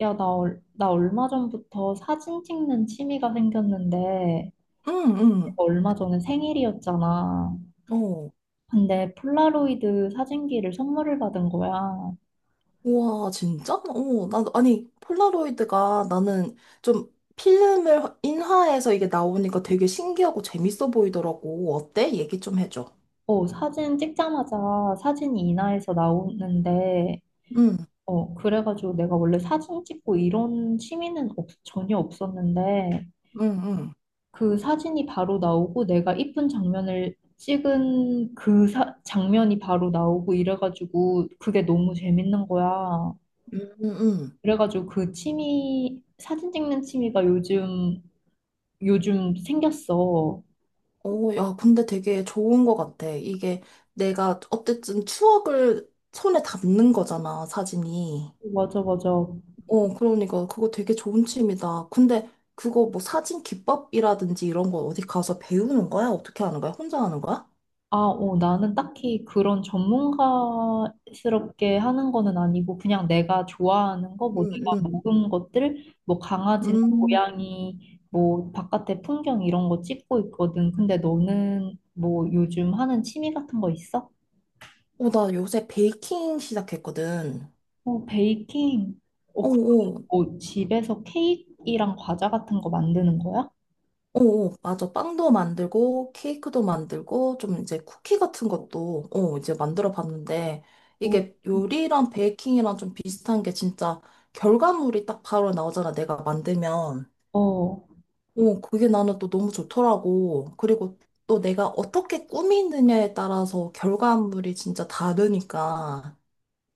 야, 나 얼마 전부터 사진 찍는 취미가 생겼는데, 응, 응. 얼마 전에 생일이었잖아. 어. 근데 폴라로이드 사진기를 선물을 받은 거야. 우와, 진짜? 아니, 폴라로이드가 나는 좀 필름을 인화해서 이게 나오니까 되게 신기하고 재밌어 보이더라고. 어때? 얘기 좀 해줘. 사진 찍자마자 사진이 인화해서 나오는데, 응, 그래가지고 내가 원래 사진 찍고 이런 취미는 전혀 없었는데, 응, 응. 그 사진이 바로 나오고 내가 이쁜 장면을 찍은 장면이 바로 나오고 이래가지고 그게 너무 재밌는 거야. 응, 응. 그래가지고 그 취미, 사진 찍는 취미가 요즘 생겼어. 야, 근데 되게 좋은 것 같아. 이게 내가 어쨌든 추억을 손에 담는 거잖아, 사진이. 맞아, 맞아. 그러니까 그거 되게 좋은 취미다. 근데 그거 뭐 사진 기법이라든지 이런 거 어디 가서 배우는 거야? 어떻게 하는 거야? 혼자 하는 거야? 나는 딱히 그런 전문가스럽게 하는 거는 아니고, 그냥 내가 좋아하는 거, 음, 뭐 내가 음, 먹은 것들, 뭐 강아지나 음. 고양이, 뭐 바깥의 풍경 이런 거 찍고 있거든. 근데 너는 뭐 요즘 하는 취미 같은 거 있어? 나 요새 베이킹 시작했거든. 어, 베이킹. 어, 어, 그- 어, 뭐 집에서 케이크랑 과자 같은 거 만드는 거야? 어, 어, 맞아. 빵도 만들고, 케이크도 만들고, 좀 이제 쿠키 같은 것도, 이제 만들어 봤는데, 어. 이게 요리랑 베이킹이랑 좀 비슷한 게 진짜 결과물이 딱 바로 나오잖아. 내가 만들면. 어, 그게 나는 또 너무 좋더라고. 그리고 또 내가 어떻게 꾸미느냐에 따라서 결과물이 진짜 다르니까.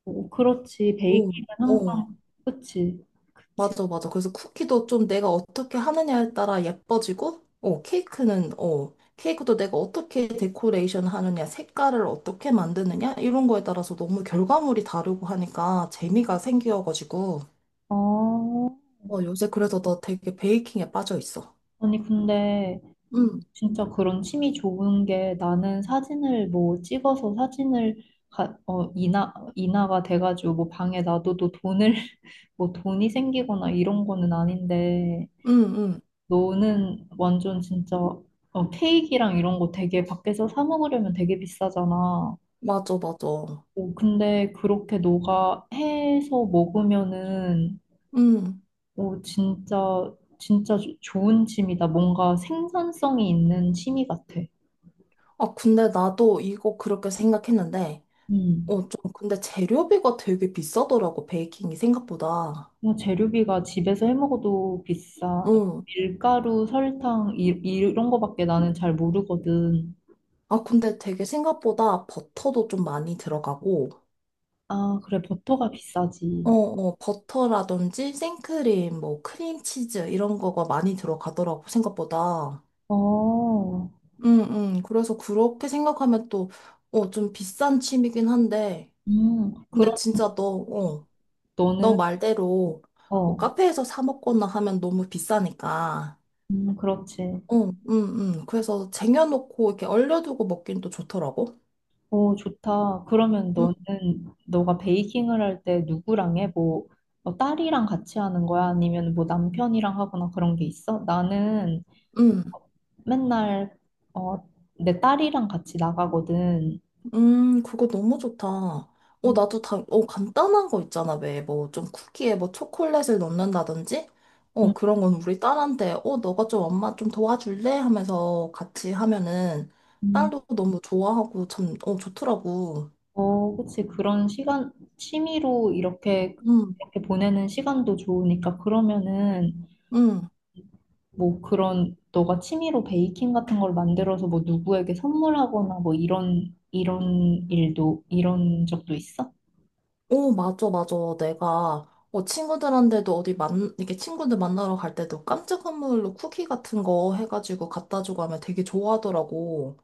그렇지. 어, 베이킹은 항상, 어. 그치, 그치. 맞아, 맞아. 그래서 쿠키도 좀 내가 어떻게 하느냐에 따라 예뻐지고, 케이크도 내가 어떻게 데코레이션 하느냐, 색깔을 어떻게 만드느냐, 이런 거에 따라서 너무 결과물이 다르고 하니까 재미가 생겨가지고, 어, 요새 그래서 나 되게 베이킹에 빠져 있어. 아니, 근데 응, 진짜 그런 취미 좋은 게 나는 사진을 뭐 찍어서 사진을 인화가 돼가지고 뭐 방에 놔둬도 돈을, 뭐 돈이 생기거나 이런 거는 아닌데, 응, 응. 너는 완전 진짜 케이크랑 이런 거 되게 밖에서 사 먹으려면 되게 비싸잖아. 맞아, 맞아. 어, 근데 그렇게 너가 해서 먹으면은 응. 오, 진짜, 좋은 취미다. 뭔가 생산성이 있는 취미 같아. 아, 근데 나도 이거 그렇게 생각했는데, 음. 좀, 근데 재료비가 되게 비싸더라고, 베이킹이 생각보다. 뭐 재료비가 집에서 해 먹어도 비싸. 응. 밀가루, 설탕, 이런 거밖에 나는 잘 모르거든. 아, 근데 되게 생각보다 버터도 좀 많이 들어가고, 아, 그래, 버터가 비싸지. 버터라든지 생크림, 뭐, 크림치즈, 이런 거가 많이 들어가더라고, 생각보다. 어, 그래서 그렇게 생각하면 또, 좀 비싼 취미긴 한데, 근데 그럼 진짜 너, 어, 너 너는, 말대로, 뭐 어, 카페에서 사 먹거나 하면 너무 비싸니까. 그렇지. 어, 그래서 쟁여놓고 이렇게 얼려두고 먹긴 또 좋더라고. 오, 좋다. 그러면 음, 너는, 너가 베이킹을 할 때 누구랑 해? 뭐 딸이랑 같이 하는 거야? 아니면 뭐 남편이랑 하거나 그런 게 있어? 나는 음. 맨날, 어, 내 딸이랑 같이 나가거든. 그거 너무 좋다. 음, 나도 간단한 거 있잖아. 왜, 뭐, 좀 쿠키에 뭐 초콜릿을 넣는다든지? 그런 건 우리 딸한테, 너가 좀 엄마 좀 도와줄래? 하면서 같이 하면은 음. 딸도 너무 좋아하고 참, 좋더라고. 어, 그치. 그런 시간, 취미로 이렇게, 응, 이렇게 보내는 시간도 좋으니까. 그러면은, 응. 뭐 그런 너가 취미로 베이킹 같은 걸 만들어서 뭐 누구에게 선물하거나 뭐 이런 적도 있어? 오, 맞아, 맞아. 내가, 친구들한테도 어디 이렇게 친구들 만나러 갈 때도 깜짝 선물로 쿠키 같은 거 해가지고 갖다 주고 하면 되게 좋아하더라고.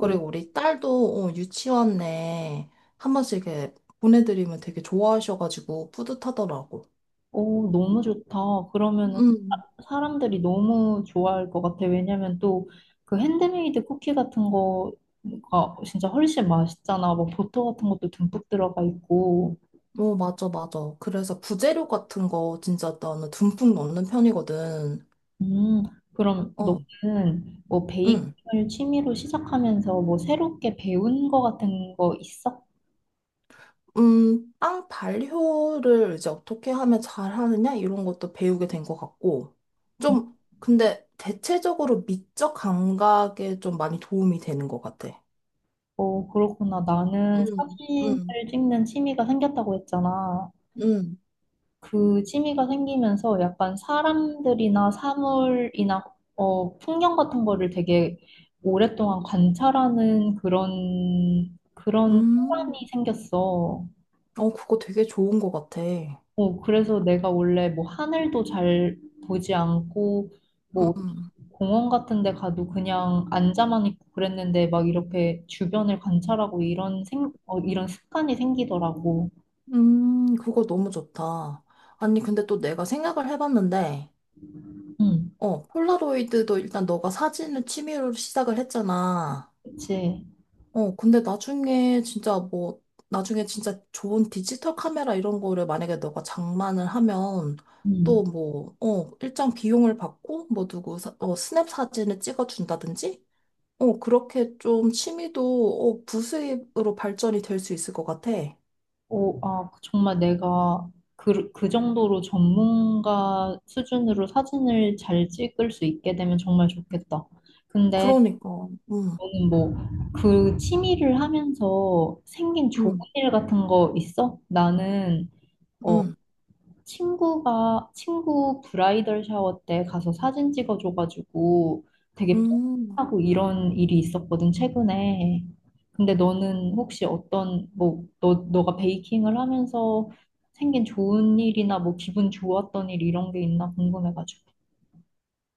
오, 우리 딸도, 유치원 내한 번씩 이렇게 보내드리면 되게 좋아하셔가지고 뿌듯하더라고. 오 너무 좋다. 그러면은 음, 사람들이 너무 좋아할 것 같아. 왜냐면 또 그 핸드메이드 쿠키 같은 거가 진짜 훨씬 맛있잖아. 뭐 버터 같은 것도 듬뿍 들어가 있고. 오, 맞아, 맞아. 그래서 부재료 같은 거 진짜 나는 듬뿍 넣는 편이거든. 음, 그럼 어, 너는 뭐 응. 베이킹을 취미로 시작하면서 뭐 새롭게 배운 거 같은 거 있어? 빵 발효를 이제 어떻게 하면 잘 하느냐? 이런 것도 배우게 된 것 같고. 좀, 근데 대체적으로 미적 감각에 좀 많이 도움이 되는 것 같아. 어, 그렇구나. 나는 음, 사진을 음, 찍는 취미가 생겼다고 했잖아. 음, 그 취미가 생기면서 약간 사람들이나 사물이나 어, 풍경 같은 거를 되게 오랫동안 관찰하는 그런 음. 습관이 생겼어. 그거 되게 좋은 것 같아. 어, 그래서 내가 원래 뭐 하늘도 잘 보지 않고 뭐 음, 공원 같은 데 가도 그냥 앉아만 있고 그랬는데 막 이렇게 주변을 관찰하고 이런 습관이 생기더라고. 그거 너무 좋다. 아니, 근데 또 내가 생각을 해봤는데, 응, 폴라로이드도 일단 너가 사진을 취미로 시작을 했잖아. 그치. 근데 나중에 진짜 뭐, 나중에 진짜 좋은 디지털 카메라 이런 거를 만약에 너가 장만을 하면 응. 또 뭐, 일정 비용을 받고 뭐 누구 스냅 사진을 찍어준다든지? 그렇게 좀 취미도 부수입으로 발전이 될 수 있을 것 같아. 어, 정말 내가 그 정도로 전문가 수준으로 사진을 잘 찍을 수 있게 되면 정말 좋겠다. 근데 그러니까, 음, 너는 뭐 그 취미를 하면서 생긴 좋은 음, 일 같은 거 있어? 나는 어 음, 친구가 친구 브라이덜 샤워 때 가서 사진 찍어줘가지고 되게 음. 뿌듯하고 이런 일이 있었거든 최근에. 근데 너는 혹시 어떤 뭐 너 너가 베이킹을 하면서 생긴 좋은 일이나 뭐 기분 좋았던 일 이런 게 있나 궁금해가지고.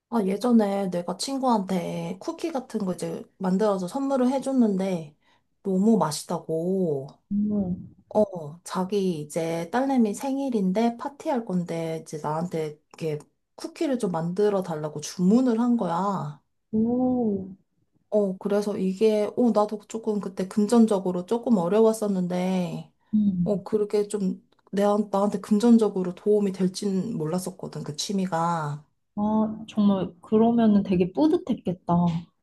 아, 예전에 내가 친구한테 쿠키 같은 거 이제 만들어서 선물을 해줬는데 너무 맛있다고. 음. 자기 이제 딸내미 생일인데 파티할 건데 이제 나한테 이렇게 쿠키를 좀 만들어 달라고 주문을 한 거야. 오, 그래서 이게, 나도 조금 그때 금전적으로 조금 어려웠었는데, 음. 그렇게 좀 나한테 금전적으로 도움이 될진 몰랐었거든, 그 취미가. 아, 정말 그러면은 되게 뿌듯했겠다.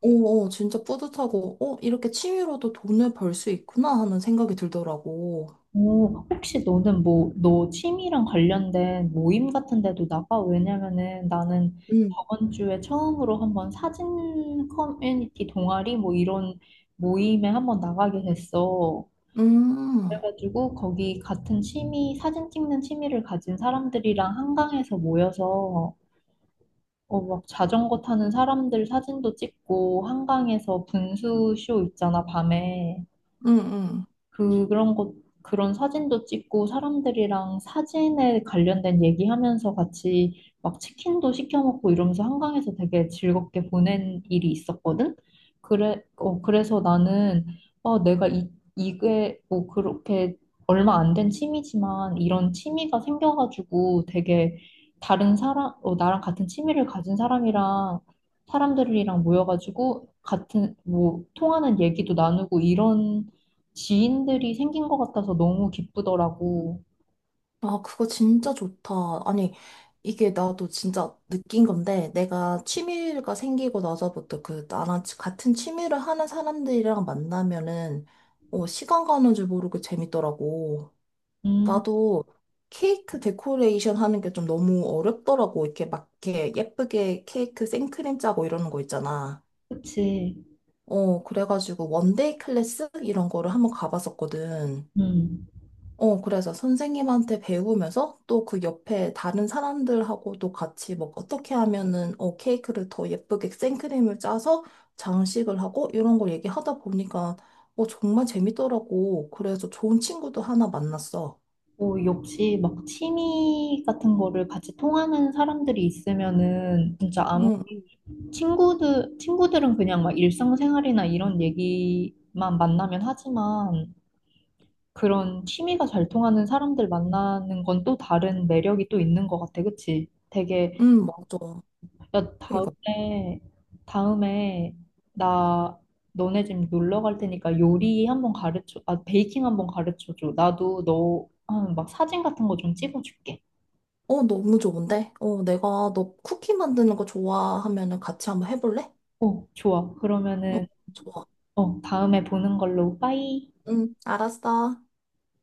진짜 뿌듯하고, 이렇게 취미로도 돈을 벌 수 있구나 하는 생각이 들더라고. 오, 혹시 너는 뭐, 너 취미랑 관련된 모임 같은 데도 나가? 왜냐면은 나는 응 저번 주에 처음으로 한번 사진 커뮤니티 동아리 뭐 이런 모임에 한번 나가게 됐어. 음, 그래가지고 거기 같은 취미, 사진 찍는 취미를 가진 사람들이랑 한강에서 모여서 어, 막 자전거 타는 사람들 사진도 찍고 한강에서 분수쇼 있잖아, 밤에. 응 응. 그, 그런 것, 그런 사진도 찍고 사람들이랑 사진에 관련된 얘기하면서 같이 막 치킨도 시켜 먹고 이러면서 한강에서 되게 즐겁게 보낸 일이 있었거든? 그래서 나는, 어, 이게 뭐 그렇게 얼마 안 된 취미지만 이런 취미가 생겨가지고 되게 다른 사람, 어, 나랑 같은 취미를 가진 사람이랑 사람들이랑 모여가지고 같은 뭐 통하는 얘기도 나누고 이런 지인들이 생긴 것 같아서 너무 기쁘더라고. 아, 그거 진짜 좋다. 아니, 이게 나도 진짜 느낀 건데, 내가 취미가 생기고 나서부터 그, 나랑 같은 취미를 하는 사람들이랑 만나면은, 시간 가는 줄 모르고 재밌더라고. 음, 나도 케이크 데코레이션 하는 게 좀 너무 어렵더라고. 이렇게 막, 이렇게 예쁘게 케이크 생크림 짜고 이러는 거 있잖아. 그치. 그래가지고 원데이 클래스? 이런 거를 한번 가봤었거든. 음. 그래서 선생님한테 배우면서 또 그 옆에 다른 사람들하고도 같이 뭐 어떻게 하면은 케이크를 더 예쁘게 생크림을 짜서 장식을 하고 이런 걸 얘기하다 보니까 정말 재밌더라고. 그래서 좋은 친구도 하나 만났어. 뭐, 역시 막 취미 같은 거를 같이 통하는 사람들이 있으면은 진짜 아무, 응, 응, 친구들은 그냥 막 일상생활이나 이런 얘기만 만나면 하지만 그런 취미가 잘 통하는 사람들 만나는 건 또 다른 매력이 또 있는 것 같아. 그치? 되게 응, 맞아. 야, 그러니까 다음에, 나 너네 집 놀러 갈 테니까 요리 한번 가르쳐, 아, 베이킹 한번 가르쳐 줘. 나도 너, 아, 막 사진 같은 거 좀 찍어줄게. 너무 좋은데? 내가 너 쿠키 만드는 거 좋아하면은 같이 한번 해볼래? 어, 좋아. 응, 그러면은, 좋아. 어, 다음에 보는 걸로, 빠이. 응, 알았어.